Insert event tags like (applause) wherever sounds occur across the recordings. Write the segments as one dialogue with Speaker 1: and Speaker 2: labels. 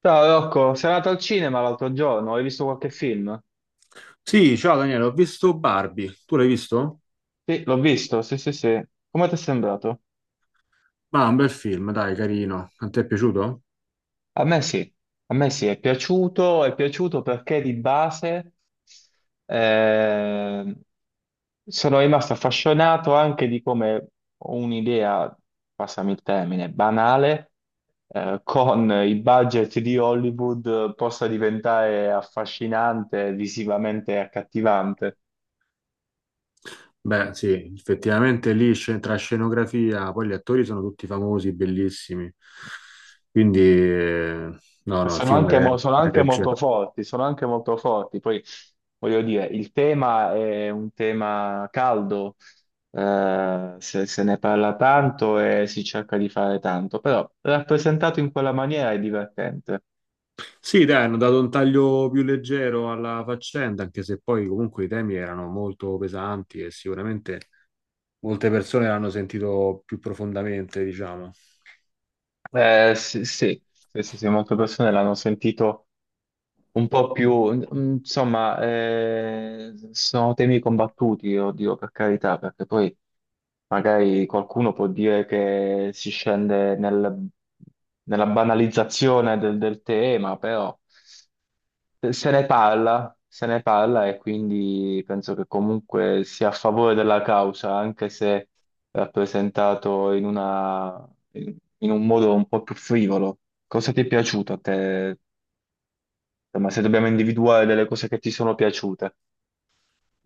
Speaker 1: Ciao Rocco, sei andato al cinema l'altro giorno, hai visto qualche film?
Speaker 2: Sì, ciao Daniele, ho visto Barbie. Tu l'hai visto?
Speaker 1: Sì, l'ho visto, sì, sì, sì. Come ti è sembrato?
Speaker 2: Ma un bel film, dai, carino. A te è piaciuto?
Speaker 1: A me sì, a me sì, è piaciuto perché di base eh, sono rimasto affascinato anche di come un'idea, passami il termine, banale, con i budget di Hollywood possa diventare affascinante, visivamente accattivante.
Speaker 2: Beh, sì, effettivamente tra scenografia, poi gli attori sono tutti famosi, bellissimi. Quindi, eh, no, no, il
Speaker 1: Sono anche, sono anche
Speaker 2: regge.
Speaker 1: molto forti, sono anche molto forti. Poi voglio dire, il tema è un tema caldo, se, se ne parla tanto e si cerca di fare tanto, però rappresentato in quella maniera è divertente.
Speaker 2: Sì, dai, hanno dato un taglio più leggero alla faccenda, anche se poi comunque i temi erano molto pesanti e sicuramente molte persone l'hanno sentito più profondamente, diciamo.
Speaker 1: Sì, sì, sì, sì, sì, molte persone l'hanno sentito un po' più, insomma, sono temi combattuti, oddio, per carità, perché poi magari qualcuno può dire che si scende nella banalizzazione del tema, però se ne parla, se ne parla e quindi penso che comunque sia a favore della causa, anche se rappresentato in una, in in un modo un po' più frivolo. Cosa ti è piaciuto a te, ma se dobbiamo individuare delle cose che ti sono piaciute,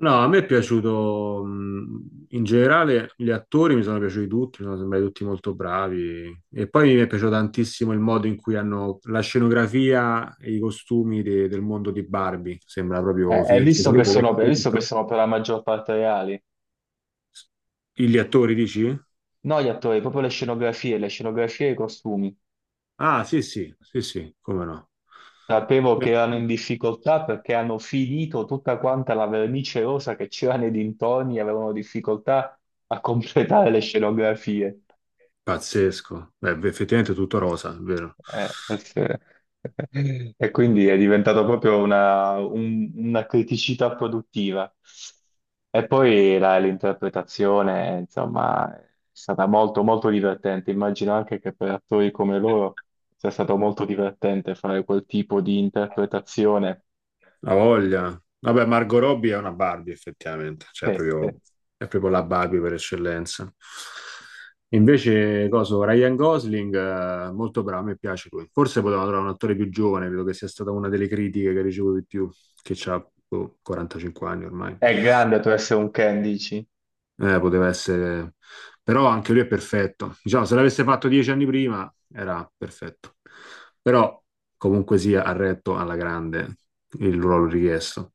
Speaker 2: No, a me è piaciuto, in generale gli attori mi sono piaciuti tutti, mi sono sembrati tutti molto bravi e poi mi è piaciuto tantissimo il modo in cui hanno la scenografia e i costumi del mondo di Barbie, sembra proprio
Speaker 1: hai
Speaker 2: finto. Cioè,
Speaker 1: visto che
Speaker 2: sapete che è
Speaker 1: sono, hai visto che
Speaker 2: finto?
Speaker 1: sono per la maggior parte reali?
Speaker 2: Gli attori dici?
Speaker 1: No, gli attori, proprio le scenografie e i costumi.
Speaker 2: Ah, sì, sì, sì, sì, come no.
Speaker 1: Sapevo che
Speaker 2: Eh,
Speaker 1: erano in difficoltà perché hanno finito tutta quanta la vernice rosa che c'era nei dintorni e avevano difficoltà a completare le scenografie.
Speaker 2: Pazzesco. Beh, effettivamente è tutto rosa, è vero.
Speaker 1: Sì. E quindi è diventato proprio una, una criticità produttiva. E poi l'interpretazione, insomma, è stata molto, molto divertente. Immagino anche che per attori come loro sia stato molto divertente fare quel tipo di interpretazione.
Speaker 2: La voglia. Vabbè, Margot Robbie è una Barbie, effettivamente,
Speaker 1: Che
Speaker 2: è proprio la Barbie per eccellenza. Invece, coso, Ryan Gosling, molto bravo, a me piace lui. Forse potevano trovare un attore più giovane, credo che sia stata una delle critiche che ricevo di più, che ha 45 anni ormai.
Speaker 1: è grande tu essere un Ken, dici?
Speaker 2: Poteva essere. Però anche lui è perfetto. Diciamo, se l'avesse fatto 10 anni prima, era perfetto. Però, comunque sia, ha retto alla grande il ruolo richiesto.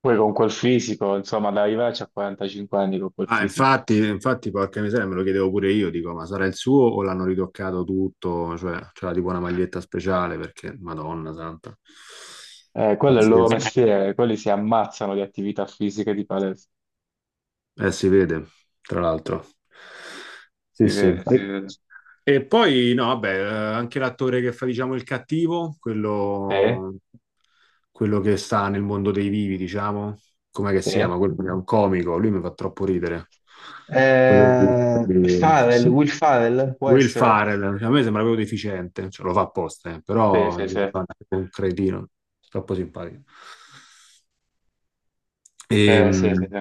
Speaker 1: Poi con quel fisico, insomma, ad arrivarci a 45 anni con quel
Speaker 2: Ma
Speaker 1: fisico.
Speaker 2: infatti, infatti, porca miseria, me lo chiedevo pure io, dico, ma sarà il suo o l'hanno ritoccato tutto? Cioè, c'era tipo una maglietta speciale perché, Madonna santa,
Speaker 1: Quello è il loro
Speaker 2: pazzesco.
Speaker 1: mestiere, quelli si ammazzano di attività fisiche di palestra.
Speaker 2: Si vede, tra l'altro. Sì,
Speaker 1: Si
Speaker 2: sì.
Speaker 1: vede, si vede.
Speaker 2: E poi, no, vabbè, anche l'attore che fa, diciamo, il cattivo,
Speaker 1: Sì,
Speaker 2: quello che sta nel mondo dei vivi, diciamo, com'è che si
Speaker 1: sì.
Speaker 2: chiama? Quello che è un comico, lui mi fa troppo ridere. Quello di-
Speaker 1: Farrell, Will Farrell, può
Speaker 2: Will
Speaker 1: essere?
Speaker 2: Farrell, cioè, a me sembra proprio deficiente, cioè, lo fa apposta,
Speaker 1: Sì,
Speaker 2: però
Speaker 1: sì,
Speaker 2: dico,
Speaker 1: sì.
Speaker 2: guarda, è un cretino, troppo simpatico.
Speaker 1: Sì, sì,
Speaker 2: Ehm,
Speaker 1: sì.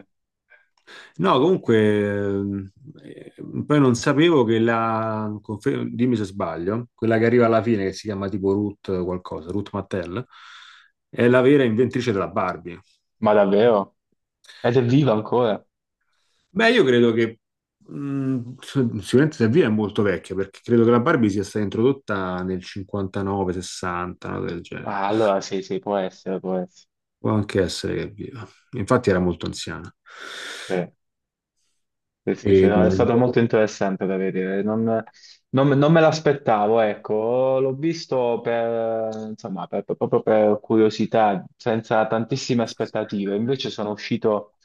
Speaker 2: no, comunque, ehm, eh, poi non sapevo dimmi se sbaglio, quella che arriva alla fine, che si chiama tipo Ruth qualcosa, Ruth Mattel, è la vera inventrice della Barbie.
Speaker 1: Ma davvero? Ed è viva ancora?
Speaker 2: Beh, io credo che mh, sicuramente se via è molto vecchia, perché credo che la Barbie sia stata introdotta nel 59-60, una cosa del genere.
Speaker 1: Ah, allora sì, sì, può essere, può essere.
Speaker 2: Può anche essere che è viva. Infatti era molto anziana.
Speaker 1: Sì. Sì, sì, sì,
Speaker 2: E,
Speaker 1: no, è stato molto interessante da vedere, non, non me l'aspettavo, ecco, l'ho visto per, insomma, proprio per curiosità, senza tantissime aspettative, invece sono uscito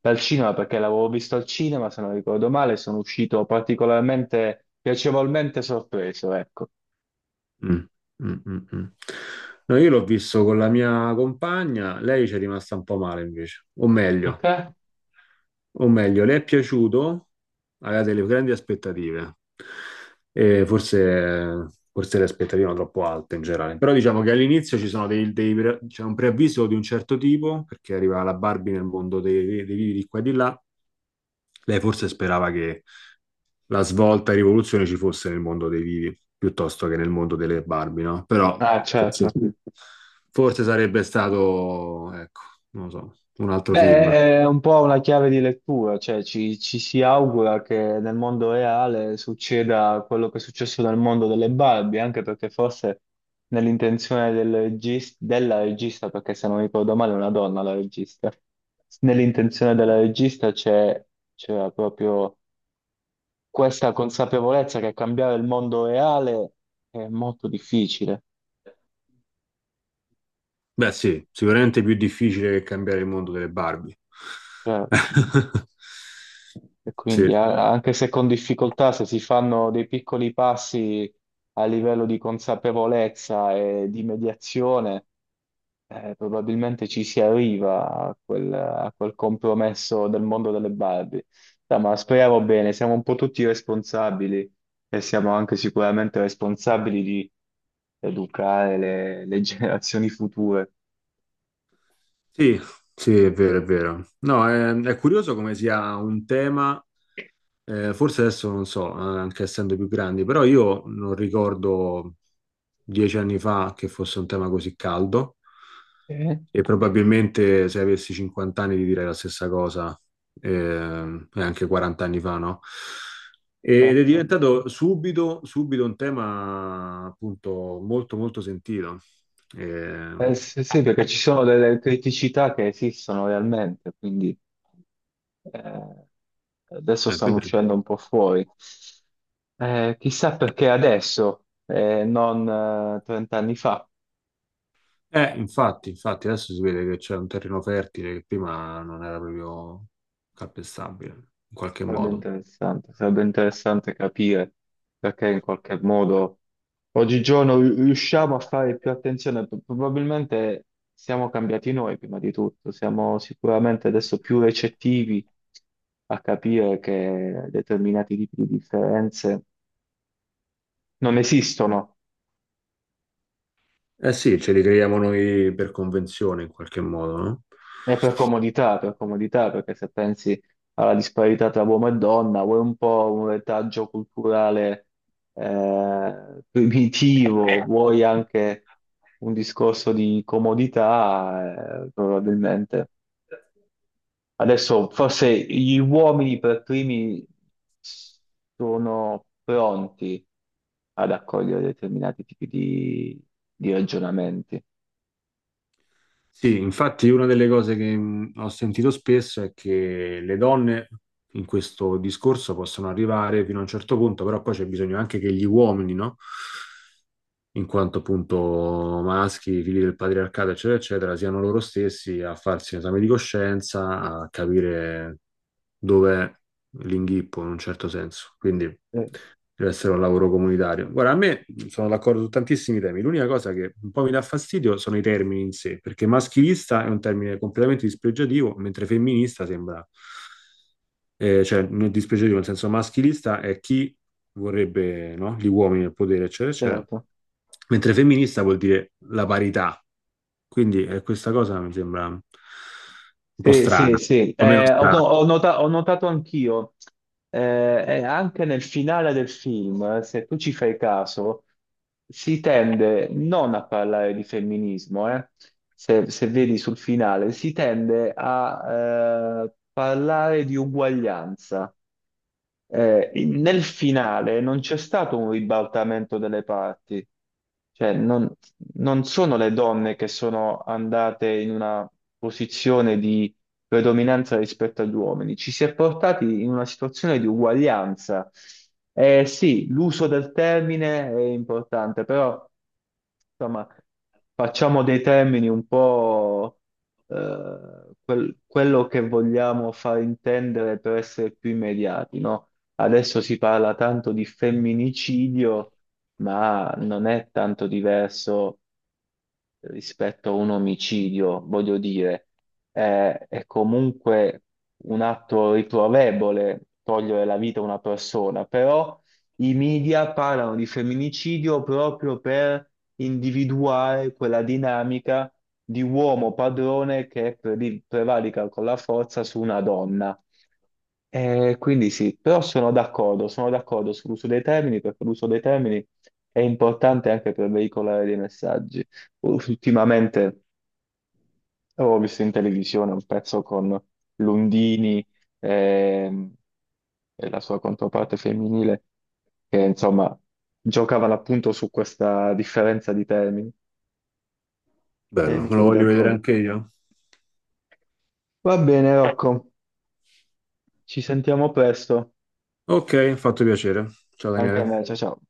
Speaker 1: dal cinema perché l'avevo visto al cinema, se non ricordo male, sono uscito particolarmente, piacevolmente sorpreso, ecco.
Speaker 2: Mm, mm, mm, mm. No, io l'ho visto con la mia compagna, lei ci è rimasta un po' male invece,
Speaker 1: Perché?
Speaker 2: o meglio, le è piaciuto, aveva delle grandi aspettative, e forse, forse le aspettative erano troppo alte in generale, però diciamo che all'inizio ci sono dei c'è un preavviso di un certo tipo, perché arriva la Barbie nel mondo dei vivi di qua e di là, lei forse sperava che la svolta e rivoluzione ci fosse nel mondo dei vivi piuttosto che nel mondo delle Barbie, no? Però
Speaker 1: Ah,
Speaker 2: sì.
Speaker 1: certo.
Speaker 2: Forse sarebbe stato, ecco, non lo so, un altro film.
Speaker 1: Beh, è un po' una chiave di lettura, cioè ci, ci si augura che nel mondo reale succeda quello che è successo nel mondo delle Barbie, anche perché forse nell'intenzione della regista, perché se non ricordo male è una donna la regista, nell'intenzione della regista c'era proprio questa consapevolezza che cambiare il mondo reale è molto difficile,
Speaker 2: Beh, sì, sicuramente più difficile che cambiare il mondo delle Barbie.
Speaker 1: certo.
Speaker 2: (laughs)
Speaker 1: E
Speaker 2: Sì,
Speaker 1: quindi anche se con difficoltà, se si fanno dei piccoli passi a livello di consapevolezza e di mediazione, probabilmente ci si arriva a quel compromesso del mondo delle Barbie. Dai, ma speriamo bene, siamo un po' tutti responsabili e siamo anche sicuramente responsabili di educare le (laughs) generazioni future.
Speaker 2: sì, sì, è vero, è vero. No, è curioso come sia un tema. Forse adesso non so, anche essendo più grandi, però io non ricordo 10 anni fa che fosse un tema così caldo
Speaker 1: Eh,
Speaker 2: e probabilmente se avessi 50 anni ti direi la stessa cosa, e anche 40 anni fa, no? Ed è
Speaker 1: certo.
Speaker 2: diventato subito, subito un tema appunto molto molto sentito. Eh,
Speaker 1: Sì, sì, perché ci sono delle criticità che esistono realmente, quindi... Eh, adesso
Speaker 2: è
Speaker 1: stanno
Speaker 2: vero.
Speaker 1: uscendo un po' fuori. Chissà perché adesso, non 30 anni fa.
Speaker 2: Infatti, infatti, adesso si vede che c'è un terreno fertile che prima non era proprio calpestabile, in qualche modo.
Speaker 1: Sarebbe interessante capire perché in qualche modo oggigiorno riusciamo a fare più attenzione. Probabilmente siamo cambiati noi prima di tutto, siamo sicuramente adesso più recettivi a capire che determinati tipi di differenze non esistono.
Speaker 2: Eh sì, ce li creiamo noi per convenzione, in qualche modo, no?
Speaker 1: È per comodità, perché se pensi alla disparità tra uomo e donna, vuoi un po' un retaggio culturale primitivo, vuoi anche un discorso di comodità, probabilmente. Adesso forse gli uomini per primi sono pronti ad accogliere determinati tipi di ragionamenti.
Speaker 2: Sì, infatti una delle cose che ho sentito spesso è che le donne in questo discorso possono arrivare fino a un certo punto, però poi c'è bisogno anche che gli uomini, no? In quanto appunto maschi, figli del patriarcato, eccetera, eccetera, siano loro stessi a farsi un esame di coscienza, a capire dov'è l'inghippo in un certo senso. Quindi
Speaker 1: Eh,
Speaker 2: deve essere un lavoro comunitario. Guarda, a me sono d'accordo su tantissimi temi. L'unica cosa che un po' mi dà fastidio sono i termini in sé, perché maschilista è un termine completamente dispregiativo, mentre femminista sembra cioè nel dispiacere nel senso maschilista è chi vorrebbe, no, gli uomini nel potere, eccetera, eccetera,
Speaker 1: certo.
Speaker 2: mentre femminista vuol dire la parità. Quindi questa cosa mi sembra un po'
Speaker 1: Sì, sì,
Speaker 2: strana,
Speaker 1: sì,
Speaker 2: o meno
Speaker 1: eh, ho,
Speaker 2: strana.
Speaker 1: ho notato anch'io, eh, anche nel finale del film, se tu ci fai caso, si tende non a parlare di femminismo, eh. Se, se vedi sul finale, si tende a parlare di uguaglianza. Nel finale non c'è stato un ribaltamento delle parti, cioè non, non sono le donne che sono andate in una posizione di predominanza rispetto agli uomini, ci si è portati in una situazione di uguaglianza. Sì, l'uso del termine è importante, però insomma, facciamo dei termini un po' quello che vogliamo far intendere per essere più immediati, no? Adesso si parla tanto di femminicidio, ma non è tanto diverso rispetto a un omicidio, voglio dire, è comunque un atto riprovevole togliere la vita a una persona, però i media parlano di femminicidio proprio per individuare quella dinamica di uomo padrone che prevarica con la forza su una donna. Quindi sì, però sono d'accordo sull'uso dei termini perché l'uso dei termini è importante anche per veicolare dei messaggi. Ultimamente oh, ho visto in televisione un pezzo con Lundini ehm, e la sua controparte femminile che insomma giocavano appunto su questa differenza di termini e
Speaker 2: Bello,
Speaker 1: mi
Speaker 2: me lo
Speaker 1: trovi
Speaker 2: voglio vedere
Speaker 1: d'accordo.
Speaker 2: anche io.
Speaker 1: Va bene, Rocco, ci sentiamo presto,
Speaker 2: Ok, fatto piacere. Ciao
Speaker 1: anche a
Speaker 2: Daniele.
Speaker 1: me, ciao ciao.